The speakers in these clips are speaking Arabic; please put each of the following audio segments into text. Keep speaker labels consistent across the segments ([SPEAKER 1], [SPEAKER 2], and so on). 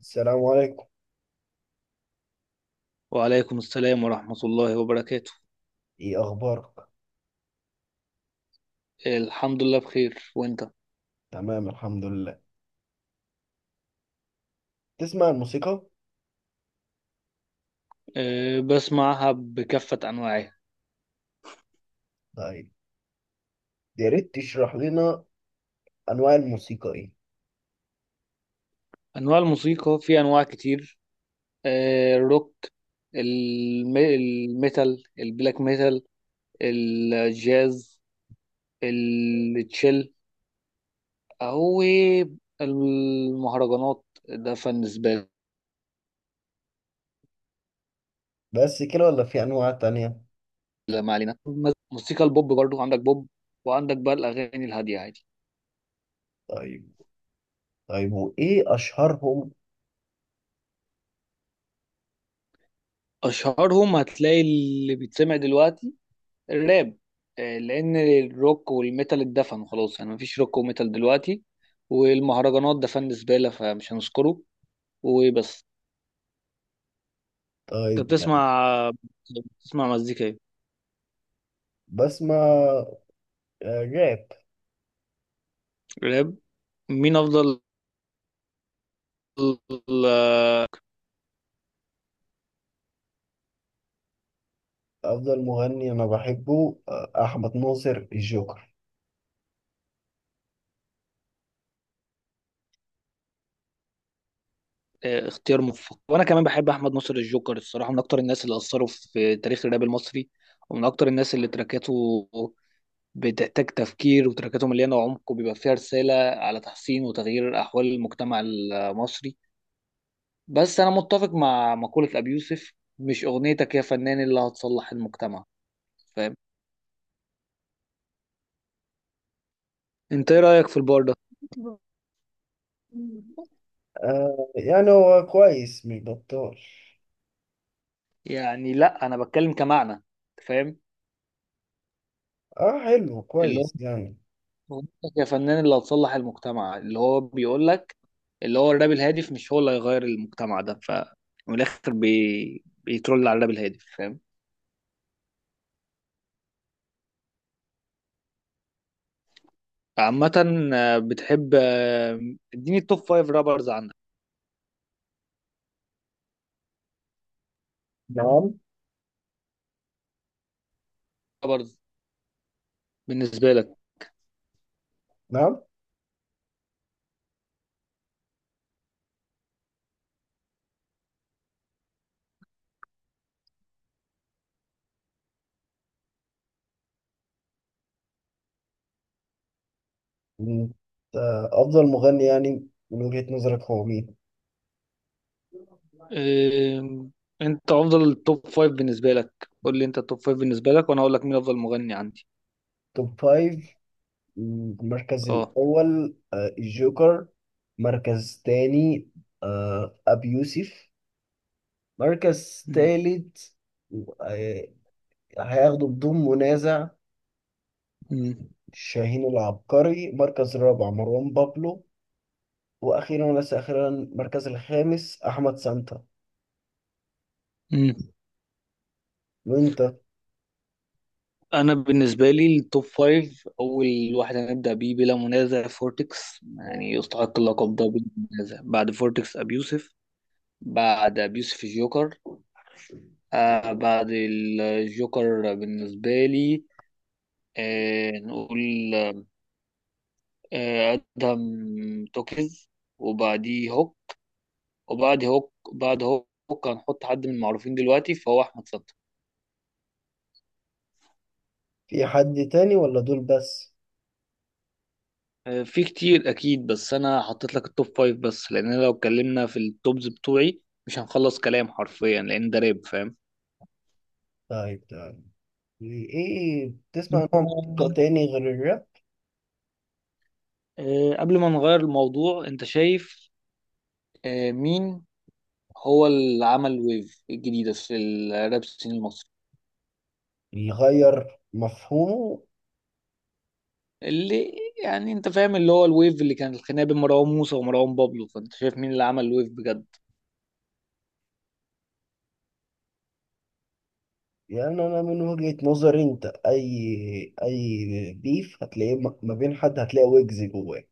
[SPEAKER 1] السلام عليكم.
[SPEAKER 2] وعليكم السلام ورحمة الله وبركاته.
[SPEAKER 1] ايه اخبارك؟
[SPEAKER 2] إيه، الحمد لله بخير وانت؟
[SPEAKER 1] تمام، الحمد لله. تسمع الموسيقى؟
[SPEAKER 2] أه، بسمعها بكافة أنواعها.
[SPEAKER 1] طيب. يا ريت تشرح لنا انواع الموسيقى ايه.
[SPEAKER 2] أنواع الموسيقى في أنواع كتير. الروك، الميتال، البلاك ميتال، الجاز، التشيل، أو المهرجانات. ده فن. بالنسبة
[SPEAKER 1] بس كده ولا في انواع تانية؟
[SPEAKER 2] لي ما علينا. موسيقى البوب برضو، عندك بوب، وعندك بقى الأغاني الهادية عادي.
[SPEAKER 1] طيب، طيب، وايه اشهرهم؟
[SPEAKER 2] أشهرهم هتلاقي اللي بيتسمع دلوقتي الراب. لان الروك والميتال اتدفن خلاص، يعني مفيش روك وميتال دلوقتي. والمهرجانات ده فن زبالة فمش هنذكره وبس. انت
[SPEAKER 1] طيب. يعني
[SPEAKER 2] بتسمع مزيكا ايه؟
[SPEAKER 1] بسمع راب.
[SPEAKER 2] راب. مين افضل؟
[SPEAKER 1] افضل مغني انا بحبه احمد ناصر الجوكر.
[SPEAKER 2] آه، اختيار موفق وانا كمان بحب احمد ناصر الجوكر الصراحة، من اكتر الناس اللي اثروا في تاريخ الراب المصري، ومن اكتر الناس اللي تراكاته بتحتاج تفكير وتراكاته مليانة عمق وبيبقى فيها رسالة على تحسين وتغيير احوال المجتمع المصري. بس انا متفق مع مقولة ابي يوسف، مش اغنيتك يا فنان اللي هتصلح المجتمع، فاهم؟ انت ايه رأيك في البار ده؟
[SPEAKER 1] آه، يعني هو كويس مش بطال.
[SPEAKER 2] يعني لا، انا بتكلم كمعنى أنت، فاهم؟
[SPEAKER 1] اه، حلو
[SPEAKER 2] اللي هو
[SPEAKER 1] كويس يعني.
[SPEAKER 2] اغنيتك يا فنان اللي هتصلح المجتمع اللي هو بيقول لك، اللي هو الراب الهادف مش هو اللي هيغير المجتمع ده. ف من الاخر بيترول على الراب الهادف، فاهم؟ عامة، بتحب، اديني التوب فايف رابرز عندك.
[SPEAKER 1] نعم،
[SPEAKER 2] رابرز بالنسبة لك.
[SPEAKER 1] نعم. مم. افضل مغني، يعني من وجهة نظرك هو مين؟
[SPEAKER 2] إيه، انت افضل توب فايف بالنسبه لك، قول لي انت التوب فايف بالنسبه لك وانا اقول لك مين افضل مغني عندي.
[SPEAKER 1] توب فايف. المركز
[SPEAKER 2] اه.
[SPEAKER 1] الأول الجوكر. مركز تاني، أبي يوسف. مركز
[SPEAKER 2] مم.
[SPEAKER 1] تالت، آه، هياخده بدون منازع
[SPEAKER 2] مم.
[SPEAKER 1] شاهين العبقري. مركز رابع، مروان بابلو. وأخيرا وليس أخيرا، المركز الخامس أحمد سانتا.
[SPEAKER 2] مم.
[SPEAKER 1] وأنت؟
[SPEAKER 2] انا بالنسبه لي التوب فايف، اول واحد هنبدا بيه بلا منازع فورتكس، يعني يستحق اللقب ده بلا منازع. بعد فورتكس ابي يوسف، بعد ابي يوسف الجوكر. بعد الجوكر بالنسبه لي، نقول ادهم توكيز. وبعديه هوك، وبعد هوك بعد هوك هنحط حد من المعروفين دلوقتي فهو احمد فتحي.
[SPEAKER 1] في حد تاني ولا دول بس؟
[SPEAKER 2] آه، في كتير اكيد، بس انا حطيت لك التوب فايف بس، لان أنا لو اتكلمنا في التوبز بتوعي مش هنخلص كلام حرفيا لان ده راب، فاهم؟
[SPEAKER 1] طيب، تمام. إيه، بتسمع
[SPEAKER 2] أنت-
[SPEAKER 1] نوع موسيقى تاني غير الراب؟
[SPEAKER 2] قبل ما نغير الموضوع انت شايف، آه، مين هو اللي عمل ويف الجديدة في الراب سين المصري؟
[SPEAKER 1] يغير مفهومه.
[SPEAKER 2] اللي يعني انت فاهم اللي هو الويف اللي كان الخناقة بين مروان موسى ومروان بابلو، فانت شايف مين اللي عمل الويف بجد؟
[SPEAKER 1] يعني انا من وجهة نظري انت اي بيف هتلاقيه ما بين حد هتلاقي ويجز جواه.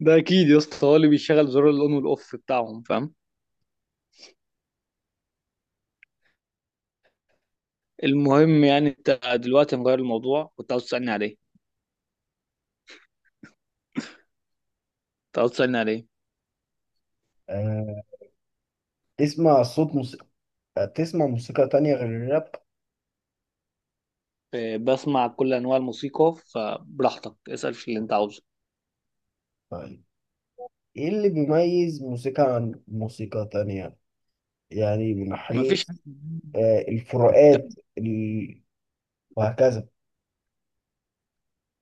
[SPEAKER 2] ده اكيد يا اسطى هو اللي بيشغل زرار الاون والاوف بتاعهم، فاهم؟ المهم، يعني انت دلوقتي مغير الموضوع كنت عاوز تسالني عليه، كنت عاوز تسالني عليه
[SPEAKER 1] أه. تسمع صوت موسيقى تسمع موسيقى تانية غير الراب؟
[SPEAKER 2] آه، بسمع كل انواع الموسيقى فبراحتك اسال في اللي انت عاوزه.
[SPEAKER 1] طيب، ايه اللي بيميز موسيقى عن موسيقى تانية؟ يعني من
[SPEAKER 2] مفيش
[SPEAKER 1] حيث
[SPEAKER 2] حاجة كان.
[SPEAKER 1] الفروقات وهكذا.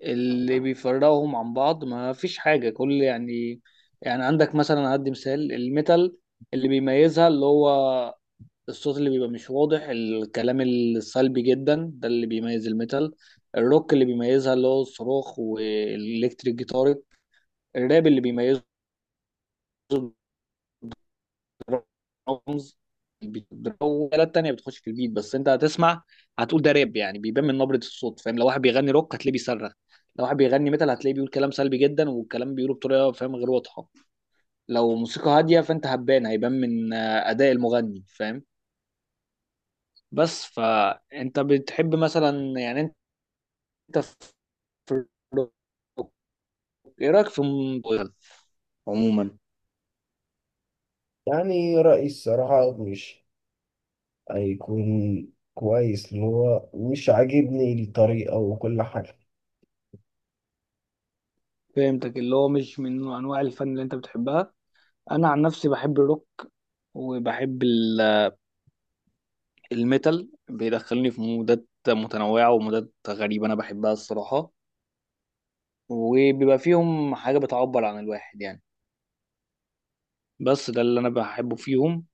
[SPEAKER 2] اللي بيفرقهم عن بعض ما فيش حاجة، كل يعني، يعني عندك مثلا هدي مثال الميتال، اللي بيميزها اللي هو الصوت اللي بيبقى مش واضح، الكلام السلبي جدا ده اللي بيميز الميتال. الروك اللي بيميزها اللي هو الصراخ والإلكتريك جيتار. الراب اللي بيميزه الدرامز، الآلة التانية بتخش في البيت، بس أنت هتسمع هتقول ده راب، يعني بيبان من نبرة الصوت، فاهم؟ لو واحد بيغني روك هتلاقيه بيصرخ. لو واحد بيغني ميتال هتلاقيه بيقول كلام سلبي جدا، والكلام بيقوله بطريقة، فاهم، غير واضحة. لو موسيقى هادية فأنت هتبان، هيبان من أداء المغني، فاهم؟ بس، فانت بتحب مثلا، يعني، انت في الروك، ايه رايك في الموبايل عموما؟
[SPEAKER 1] يعني رأيي الصراحة مش هيكون كويس، اللي هو مش عاجبني الطريقة وكل حاجة.
[SPEAKER 2] فهمتك، اللي هو مش من انواع الفن اللي انت بتحبها. انا عن نفسي بحب الروك وبحب الميتال، بيدخلني في مودات متنوعه ومودات غريبه انا بحبها الصراحه. وبيبقى فيهم حاجه بتعبر عن الواحد، يعني، بس ده اللي انا بحبه فيهم.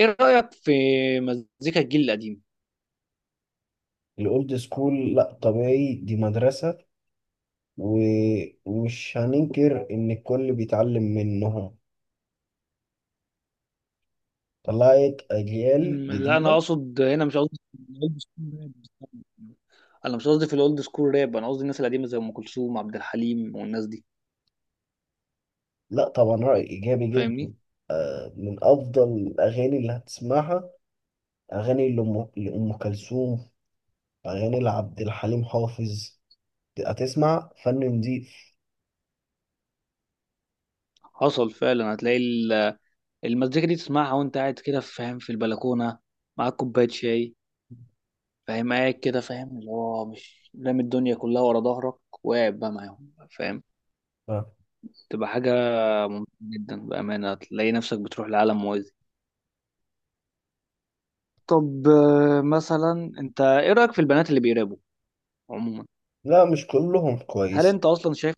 [SPEAKER 2] ايه رايك في مزيكا الجيل القديم؟
[SPEAKER 1] الأولد سكول؟ لأ، طبيعي، دي مدرسة. ومش هننكر إن الكل بيتعلم منهم. طلعت أجيال
[SPEAKER 2] لا انا
[SPEAKER 1] جديدة.
[SPEAKER 2] اقصد هنا مش قصدي في الاولد سكول راب، انا مش قصدي في الاولد سكول راب، انا قصدي الناس القديمه زي ام كلثوم عبد الحليم والناس دي،
[SPEAKER 1] لا، طبعا، رأي إيجابي
[SPEAKER 2] فاهمني؟
[SPEAKER 1] جدا. من أفضل الأغاني اللي هتسمعها أغاني لأم كلثوم، أغاني لعبد الحليم حافظ. هتسمع فن نضيف.
[SPEAKER 2] حصل فعلا، هتلاقي المزيكا دي تسمعها وانت قاعد كده، فاهم، في البلكونه معاك كوبايه شاي، فاهم، قاعد كده، فاهم، اللي هو مش رامي الدنيا كلها ورا ظهرك وقاعد بقى معاهم، فاهم،
[SPEAKER 1] آه.
[SPEAKER 2] تبقى حاجه ممتعه جدا بامانه، هتلاقي نفسك بتروح لعالم موازي. طب، مثلا انت ايه رايك في البنات اللي بيرابوا عموما؟
[SPEAKER 1] لا، مش كلهم
[SPEAKER 2] هل
[SPEAKER 1] كويس.
[SPEAKER 2] انت اصلا شايف،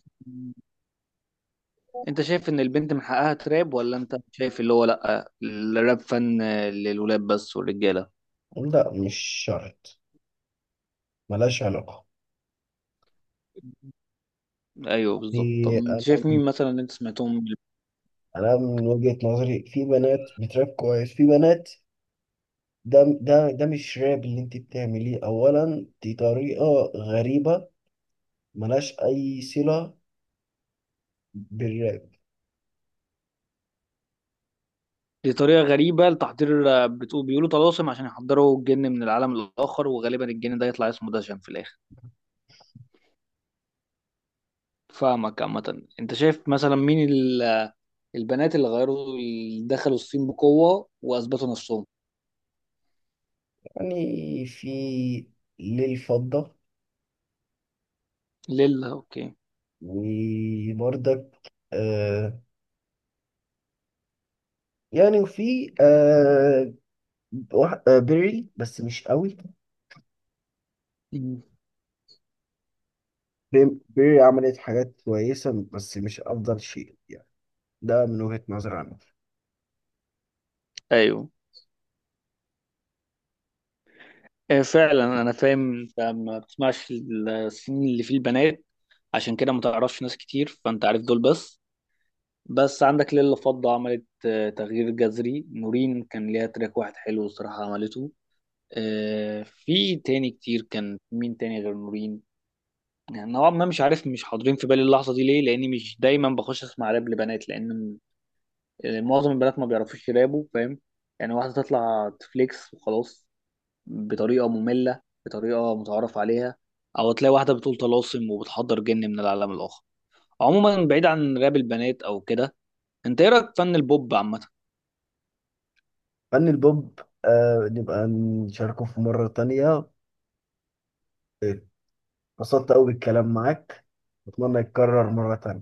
[SPEAKER 2] انت شايف ان البنت من حقها تراب، ولا انت شايف اللي هو لا الراب فن للولاد بس والرجاله؟
[SPEAKER 1] لا، مش شرط. ملهاش علاقة.
[SPEAKER 2] ايوه بالظبط. طب
[SPEAKER 1] في-
[SPEAKER 2] انت
[SPEAKER 1] أنا
[SPEAKER 2] شايف مين مثلا اللي انت سمعتهم؟
[SPEAKER 1] أنا من وجهة نظري، في بنات بتراب كويس، في بنات ده مش راب اللي انت بتعمليه. اولا، دي طريقة غريبة، ملهاش اي صلة بالراب.
[SPEAKER 2] دي طريقه غريبه لتحضير الراب؟ بتقول بيقولوا طلاسم عشان يحضروا الجن من العالم الاخر، وغالبا الجن ده يطلع اسمه دشن في الاخر. فاهمك. عامه، انت شايف مثلا مين البنات اللي غيروا اللي دخلوا الصين بقوه واثبتوا نفسهم؟
[SPEAKER 1] يعني، في للفضة.
[SPEAKER 2] ليلا، اوكي.
[SPEAKER 1] وبرضك، آه يعني وفي بيري، بس مش قوي.
[SPEAKER 2] مم.
[SPEAKER 1] بيري عملت حاجات كويسة، بس مش افضل شيء يعني. ده من وجهة نظري انا.
[SPEAKER 2] ايوه. إيه فعلا، انا فاهم انت ما بتسمعش السنين اللي فيه البنات، عشان كده ما تعرفش ناس كتير، فانت عارف دول بس. بس عندك ليلة فضة عملت، تغيير جذري، نورين كان ليها تراك واحد حلو الصراحة عملته. في تاني كتير، كان مين تاني غير نورين؟ يعني نوعا ما مش عارف، مش حاضرين في بالي اللحظة دي، ليه؟ لاني مش دايما بخش اسمع راب لبنات، لان معظم البنات ما بيعرفوش يرابوا، فاهم؟ يعني واحدة تطلع تفليكس وخلاص بطريقه ممله بطريقه متعارف عليها، او تلاقي واحده بتقول طلاسم وبتحضر جن من العالم الاخر. عموما بعيد عن راب البنات او كده، انت ايه رايك في فن البوب عامه؟
[SPEAKER 1] فن البوب، نبقى نشاركه في مرة تانية. اتبسطت قوي بالكلام معاك واتمنى يتكرر مرة تانية.